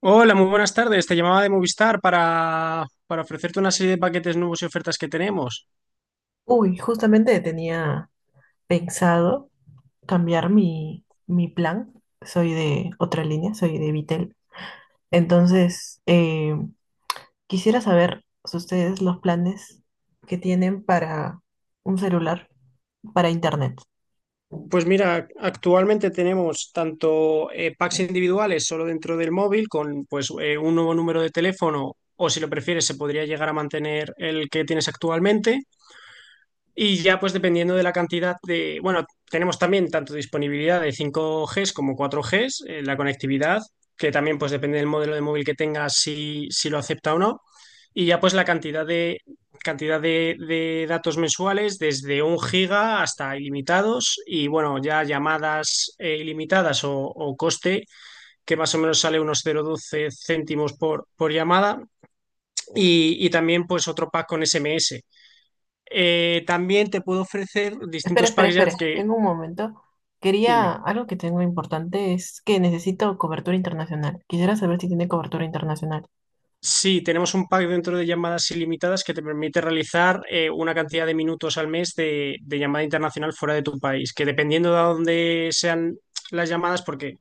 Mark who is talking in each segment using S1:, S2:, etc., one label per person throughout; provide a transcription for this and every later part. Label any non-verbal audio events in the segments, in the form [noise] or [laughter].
S1: Hola, muy buenas tardes. Te llamaba de Movistar para ofrecerte una serie de paquetes nuevos y ofertas que tenemos.
S2: Uy, justamente tenía pensado cambiar mi plan. Soy de otra línea, soy de Vitel. Entonces, quisiera saber si ustedes los planes que tienen para un celular, para internet.
S1: Pues mira, actualmente tenemos tanto packs individuales solo dentro del móvil con pues un nuevo número de teléfono, o si lo prefieres se podría llegar a mantener el que tienes actualmente. Y ya pues dependiendo de la cantidad de, bueno, tenemos también tanto disponibilidad de 5G como 4G, la conectividad, que también pues depende del modelo de móvil que tengas, si lo acepta o no. Y ya pues la cantidad de datos mensuales desde un giga hasta ilimitados, y bueno, ya llamadas ilimitadas o coste, que más o menos sale unos 0,12 céntimos por llamada, y también pues otro pack con SMS. También te puedo ofrecer
S2: Espera,
S1: distintos
S2: espera,
S1: packs ya
S2: espera.
S1: que,
S2: Tengo un momento. Quería,
S1: dime.
S2: algo que tengo importante es que necesito cobertura internacional. Quisiera saber si tiene cobertura internacional.
S1: Sí, tenemos un pack dentro de llamadas ilimitadas que te permite realizar una cantidad de minutos al mes de llamada internacional fuera de tu país, que dependiendo de a dónde sean las llamadas, porque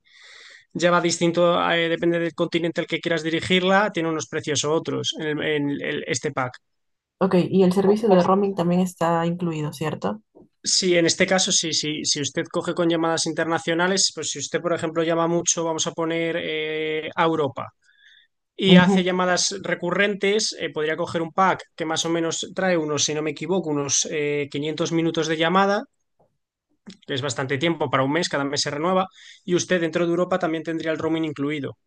S1: ya va distinto, depende del continente al que quieras dirigirla, tiene unos precios u otros en este pack.
S2: Ok, y el servicio de roaming también está incluido, ¿cierto?
S1: Sí, en este caso, sí, sí, si usted coge con llamadas internacionales, pues si usted, por ejemplo, llama mucho, vamos a poner a Europa, y hace
S2: Ujú.
S1: llamadas recurrentes, podría coger un pack que más o menos trae unos, si no me equivoco, unos 500 minutos de llamada, que es bastante tiempo para un mes, cada mes se renueva, y usted dentro de Europa también tendría el roaming incluido.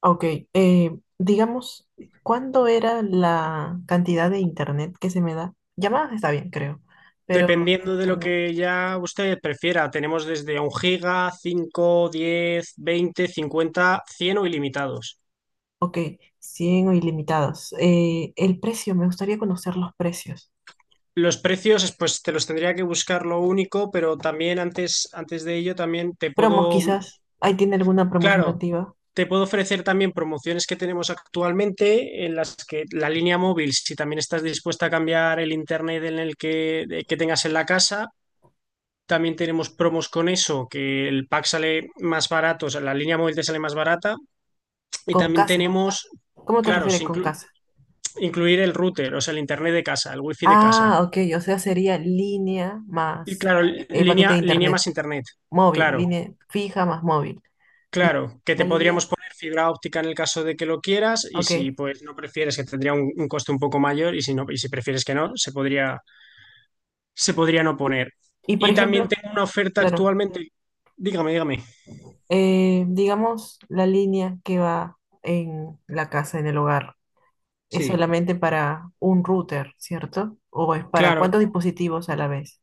S2: Ok, digamos, ¿cuándo era la cantidad de internet que se me da? Llamadas está bien, creo, pero el
S1: Dependiendo de lo
S2: internet.
S1: que ya usted prefiera, tenemos desde un giga, cinco, 10, 20, 50, 100 o ilimitados.
S2: Ok, 100 o ilimitados. El precio, me gustaría conocer los precios.
S1: Los precios, pues te los tendría que buscar, lo único, pero también antes de ello, también te
S2: Promos
S1: puedo.
S2: quizás. ¿Ahí tiene alguna promoción
S1: Claro,
S2: activa?
S1: te puedo ofrecer también promociones que tenemos actualmente en las que la línea móvil, si también estás dispuesta a cambiar el internet en el que, que tengas en la casa, también tenemos promos con eso, que el pack sale más barato, o sea, la línea móvil te sale más barata. Y
S2: Con
S1: también
S2: casa.
S1: tenemos,
S2: ¿Cómo te
S1: claro,
S2: refieres
S1: sin
S2: con casa?
S1: incluir el router, o sea, el internet de casa, el wifi de casa.
S2: Ah, ok, o sea, sería línea
S1: Y
S2: más
S1: claro,
S2: el paquete de
S1: línea más
S2: internet.
S1: internet,
S2: Móvil, línea
S1: claro.
S2: fija más móvil. Y
S1: Claro, que
S2: la
S1: te
S2: línea,
S1: podríamos poner fibra óptica en el caso de que lo quieras, y
S2: ok.
S1: si pues no prefieres, que tendría un coste un poco mayor, y si no, y si prefieres que no, se podría no poner.
S2: Y por
S1: Y también
S2: ejemplo,
S1: tengo una oferta
S2: claro,
S1: actualmente. Dígame, dígame.
S2: digamos la línea que va en la casa, en el hogar, es
S1: Sí,
S2: solamente para un router, ¿cierto? ¿O es para
S1: claro.
S2: cuántos dispositivos a la vez?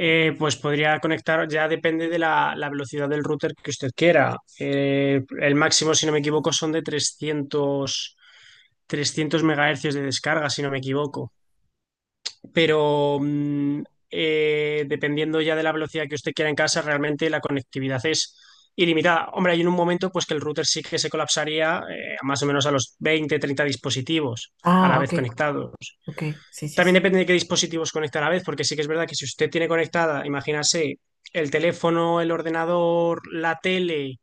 S1: Pues podría conectar, ya depende de la velocidad del router que usted quiera. El máximo, si no me equivoco, son de trescientos megahercios de descarga, si no me equivoco. Pero dependiendo ya de la velocidad que usted quiera en casa, realmente la conectividad es ilimitada. Hombre, hay en un momento pues que el router sí que se colapsaría, más o menos a los 20, 30 dispositivos a la
S2: Ah,
S1: vez
S2: ok,
S1: conectados.
S2: ok, sí, sí,
S1: También
S2: sí,
S1: depende de qué dispositivos conecta a la vez, porque sí que es verdad que si usted tiene conectada, imagínase, el teléfono, el ordenador, la tele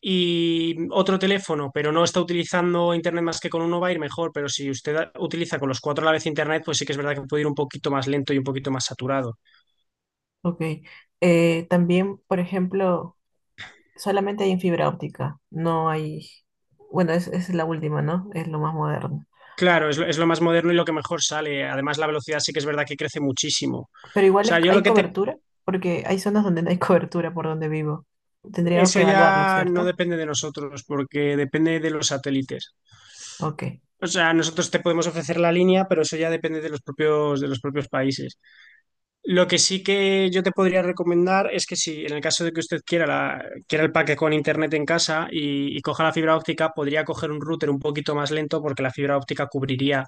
S1: y otro teléfono, pero no está utilizando internet más que con uno, va a ir mejor. Pero si usted utiliza con los cuatro a la vez internet, pues sí que es verdad que puede ir un poquito más lento y un poquito más saturado.
S2: ok. También, por ejemplo, solamente hay en fibra óptica, no hay, bueno, es la última, ¿no? Es lo más moderno.
S1: Claro, es lo más moderno y lo que mejor sale. Además, la velocidad sí que es verdad que crece muchísimo. O
S2: Pero
S1: sea, yo lo
S2: hay
S1: que te.
S2: cobertura, porque hay zonas donde no hay [laughs] cobertura por donde vivo. Tendríamos
S1: Eso
S2: que evaluarlo,
S1: ya no
S2: ¿cierto?
S1: depende de nosotros, porque depende de los satélites.
S2: Ok,
S1: O sea, nosotros te podemos ofrecer la línea, pero eso ya depende de los propios países. Lo que sí que yo te podría recomendar es que si en el caso de que usted quiera, quiera el paquete con internet en casa y coja la fibra óptica, podría coger un router un poquito más lento, porque la fibra óptica cubriría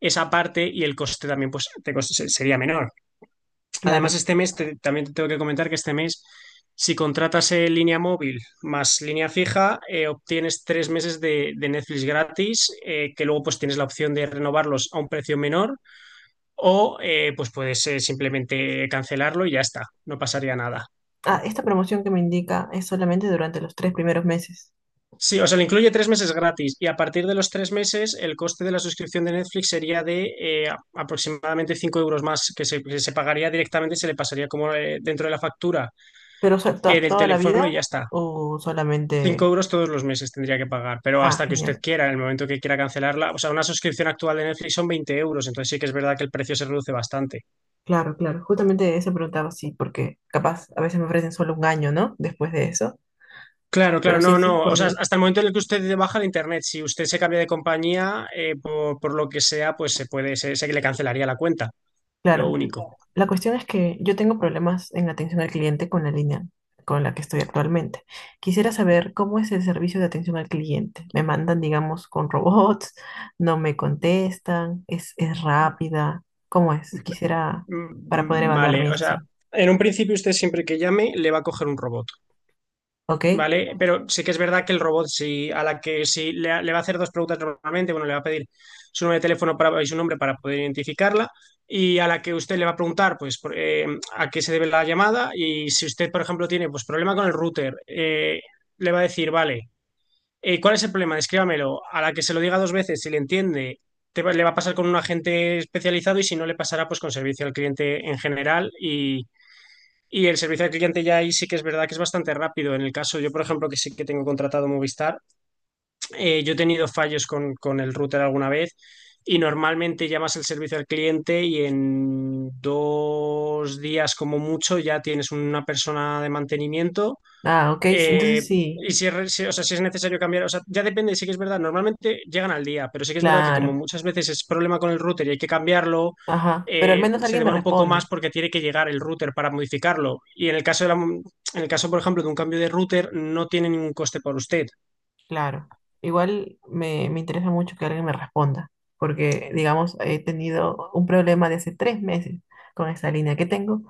S1: esa parte y el coste también, pues, te sería menor. Además,
S2: claro.
S1: este mes también te tengo que comentar que este mes, si contratas línea móvil más línea fija, obtienes 3 meses de Netflix gratis, que luego pues tienes la opción de renovarlos a un precio menor, o pues puedes simplemente cancelarlo y ya está, no pasaría nada.
S2: Ah, esta promoción que me indica es solamente durante los tres primeros meses.
S1: Sí, o sea, le incluye 3 meses gratis, y a partir de los 3 meses el coste de la suscripción de Netflix sería de aproximadamente 5 euros más, que se pagaría directamente, se le pasaría como, dentro de la factura,
S2: ¿Pero o sea,
S1: del
S2: toda la
S1: teléfono, y
S2: vida
S1: ya está.
S2: o
S1: 5
S2: solamente...?
S1: euros todos los meses tendría que pagar, pero
S2: Ah,
S1: hasta que usted
S2: genial.
S1: quiera, en el momento que quiera cancelarla, o sea, una suscripción actual de Netflix son 20 euros, entonces sí que es verdad que el precio se reduce bastante.
S2: Claro, claro. Justamente eso preguntaba, sí, porque capaz a veces me ofrecen solo un año, ¿no? Después de eso.
S1: Claro, claro,
S2: Pero si
S1: no,
S2: este es
S1: no. O
S2: por
S1: sea,
S2: vida.
S1: hasta el momento en el que usted baja de internet, si usted se cambia de compañía, por lo que sea, pues se puede, se le cancelaría la cuenta. Lo
S2: Claro.
S1: único.
S2: La cuestión es que yo tengo problemas en atención al cliente con la línea con la que estoy actualmente. Quisiera saber cómo es el servicio de atención al cliente. Me mandan, digamos, con robots, no me contestan, es rápida. ¿Cómo es? Quisiera
S1: Mm,
S2: para poder
S1: mm,
S2: evaluar mi
S1: vale, o sea,
S2: decisión.
S1: en un principio usted siempre que llame le va a coger un robot.
S2: ¿Ok?
S1: Vale, pero sí que es verdad que el robot, si a la que si le va a hacer dos preguntas normalmente, bueno, le va a pedir su número de teléfono para, y su nombre para poder identificarla, y a la que usted le va a preguntar, pues, por, a qué se debe la llamada, y si usted, por ejemplo, tiene, pues, problema con el router, le va a decir, vale, ¿cuál es el problema? Descríbamelo. A la que se lo diga dos veces, si le entiende, le va a pasar con un agente especializado, y si no, le pasará, pues, con servicio al cliente en general, y el servicio al cliente ya ahí sí que es verdad que es bastante rápido. En el caso, yo por ejemplo, que sí que tengo contratado Movistar, yo he tenido fallos con el router alguna vez, y normalmente llamas el servicio al cliente y en 2 días como mucho ya tienes una persona de mantenimiento.
S2: Ah, ok, sí,
S1: eh,
S2: entonces sí,
S1: y si es, o sea, si es necesario cambiar, o sea, ya depende, sí que es verdad, normalmente llegan al día, pero sí que es verdad que como
S2: claro.
S1: muchas veces es problema con el router y hay que cambiarlo,
S2: Ajá, pero al menos
S1: se
S2: alguien me
S1: demora un poco más
S2: responde,
S1: porque tiene que llegar el router para modificarlo. Y en el caso, por ejemplo, de un cambio de router, no tiene ningún coste por usted.
S2: claro. Igual me interesa mucho que alguien me responda, porque, digamos, he tenido un problema de hace tres meses con esa línea que tengo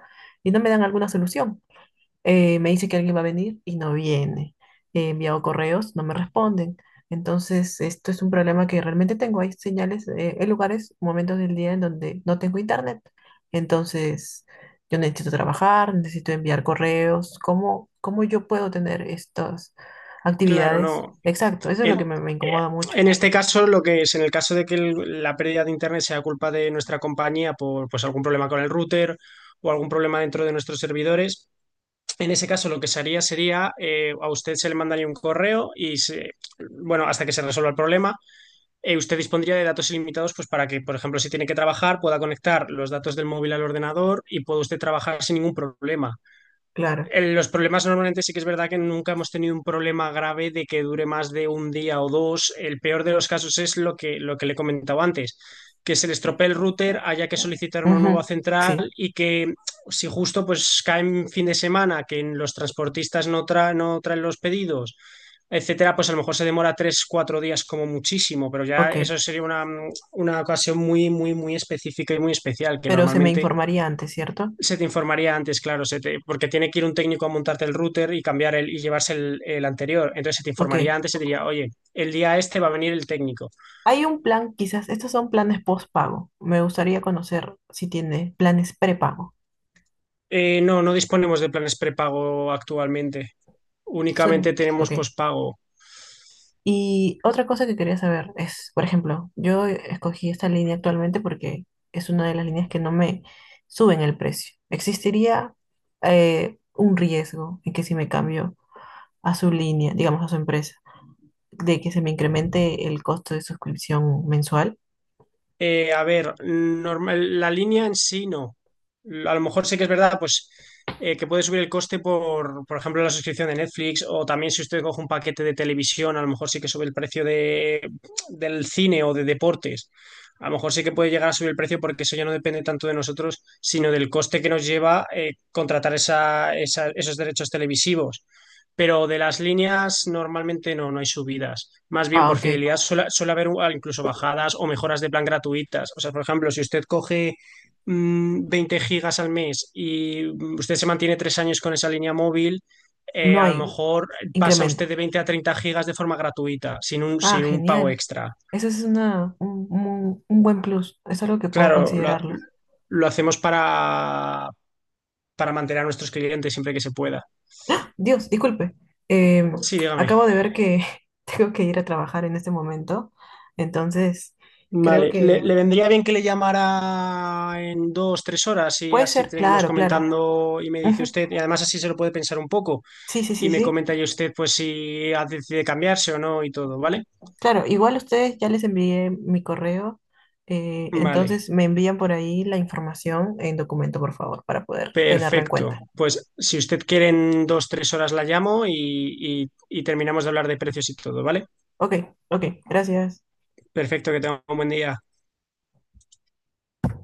S2: y no me dan alguna solución. Me dice que alguien va a venir y no viene. He enviado correos, no me responden. Entonces, esto es un problema que realmente tengo. Hay señales, hay lugares, momentos del día en donde no tengo internet. Entonces, yo necesito trabajar, necesito enviar correos. ¿Cómo, cómo yo puedo tener estas
S1: Claro,
S2: actividades?
S1: no.
S2: Exacto, eso es lo
S1: El-
S2: que me
S1: eh,
S2: incomoda mucho.
S1: en este caso, lo que es, en el caso de que la pérdida de internet sea culpa de nuestra compañía por pues algún problema con el router, o algún problema dentro de nuestros servidores. En ese caso, lo que se haría sería, a usted se le mandaría un correo y, bueno, hasta que se resuelva el problema, usted dispondría de datos ilimitados, pues, para que, por ejemplo, si tiene que trabajar, pueda conectar los datos del móvil al ordenador y pueda usted trabajar sin ningún problema.
S2: Claro.
S1: Los problemas normalmente sí que es verdad que nunca hemos tenido un problema grave de que dure más de un día o dos. El peor de los casos es lo que le he comentado antes, que se le estropee el router, haya que solicitar una nueva
S2: Ujú.
S1: central,
S2: Sí,
S1: y que si justo pues cae en fin de semana, que los transportistas no, no traen los pedidos, etcétera, pues a lo mejor se demora 3, 4 días como muchísimo, pero ya
S2: ok.
S1: eso sería una ocasión muy, muy, muy específica y muy especial, que
S2: Pero se me
S1: normalmente
S2: informaría antes, ¿cierto?
S1: se te informaría antes, claro, porque tiene que ir un técnico a montarte el router y cambiar el, y llevarse el anterior. Entonces se te informaría
S2: Ok.
S1: antes, se te diría, oye, el día este va a venir el técnico.
S2: Hay un plan, quizás, estos son planes postpago. Me gustaría conocer si tiene planes prepago.
S1: No, no disponemos de planes prepago actualmente.
S2: Suena.
S1: Únicamente tenemos
S2: Ok.
S1: pospago.
S2: Y otra cosa que quería saber es, por ejemplo, yo escogí esta línea actualmente porque es una de las líneas que no me suben el precio. ¿Existiría un riesgo en que si me cambio a su línea, digamos a su empresa, de que se me incremente el costo de suscripción mensual?
S1: A ver, normal, la línea en sí no. A lo mejor sí que es verdad, pues, que puede subir el coste, por ejemplo, la suscripción de Netflix, o también si usted coge un paquete de televisión, a lo mejor sí que sube el precio del cine o de deportes. A lo mejor sí que puede llegar a subir el precio porque eso ya no depende tanto de nosotros, sino del coste que nos lleva contratar esa, esos derechos televisivos, pero de las líneas normalmente no, no hay subidas. Más bien
S2: Ah,
S1: por
S2: ok.
S1: fidelidad suele haber, incluso, bajadas o mejoras de plan gratuitas. O sea, por ejemplo, si usted coge 20 gigas al mes y usted se mantiene 3 años con esa línea móvil,
S2: No
S1: a lo
S2: hay
S1: mejor pasa usted
S2: incremento.
S1: de 20 a 30 gigas de forma gratuita, sin un,
S2: Ah,
S1: sin un pago
S2: genial.
S1: extra.
S2: Eso es una, un, un buen plus. Es algo que puedo
S1: Claro, lo,
S2: considerarlo.
S1: lo hacemos para, mantener a nuestros clientes siempre que se pueda.
S2: Dios, disculpe. Eh,
S1: Sí, dígame.
S2: acabo de ver que [laughs] tengo que ir a trabajar en este momento. Entonces, creo
S1: Vale, le,
S2: que
S1: le vendría bien que le llamara en 2, 3 horas, y
S2: puede
S1: así
S2: ser.
S1: seguimos
S2: Claro, claro.
S1: comentando y me dice
S2: Ujú.
S1: usted, y además así se lo puede pensar un poco,
S2: Sí, sí, sí,
S1: y me
S2: sí.
S1: comenta ya usted pues si decide cambiarse o no y todo, ¿vale?
S2: Claro, igual ustedes ya les envié mi correo.
S1: Vale,
S2: Entonces, me envían por ahí la información en documento, por favor, para poder tenerla en
S1: perfecto.
S2: cuenta.
S1: Pues si usted quiere en 2, 3 horas la llamo, y terminamos de hablar de precios y todo, ¿vale?
S2: Ok, ok. Gracias.
S1: Perfecto, que tenga un buen día.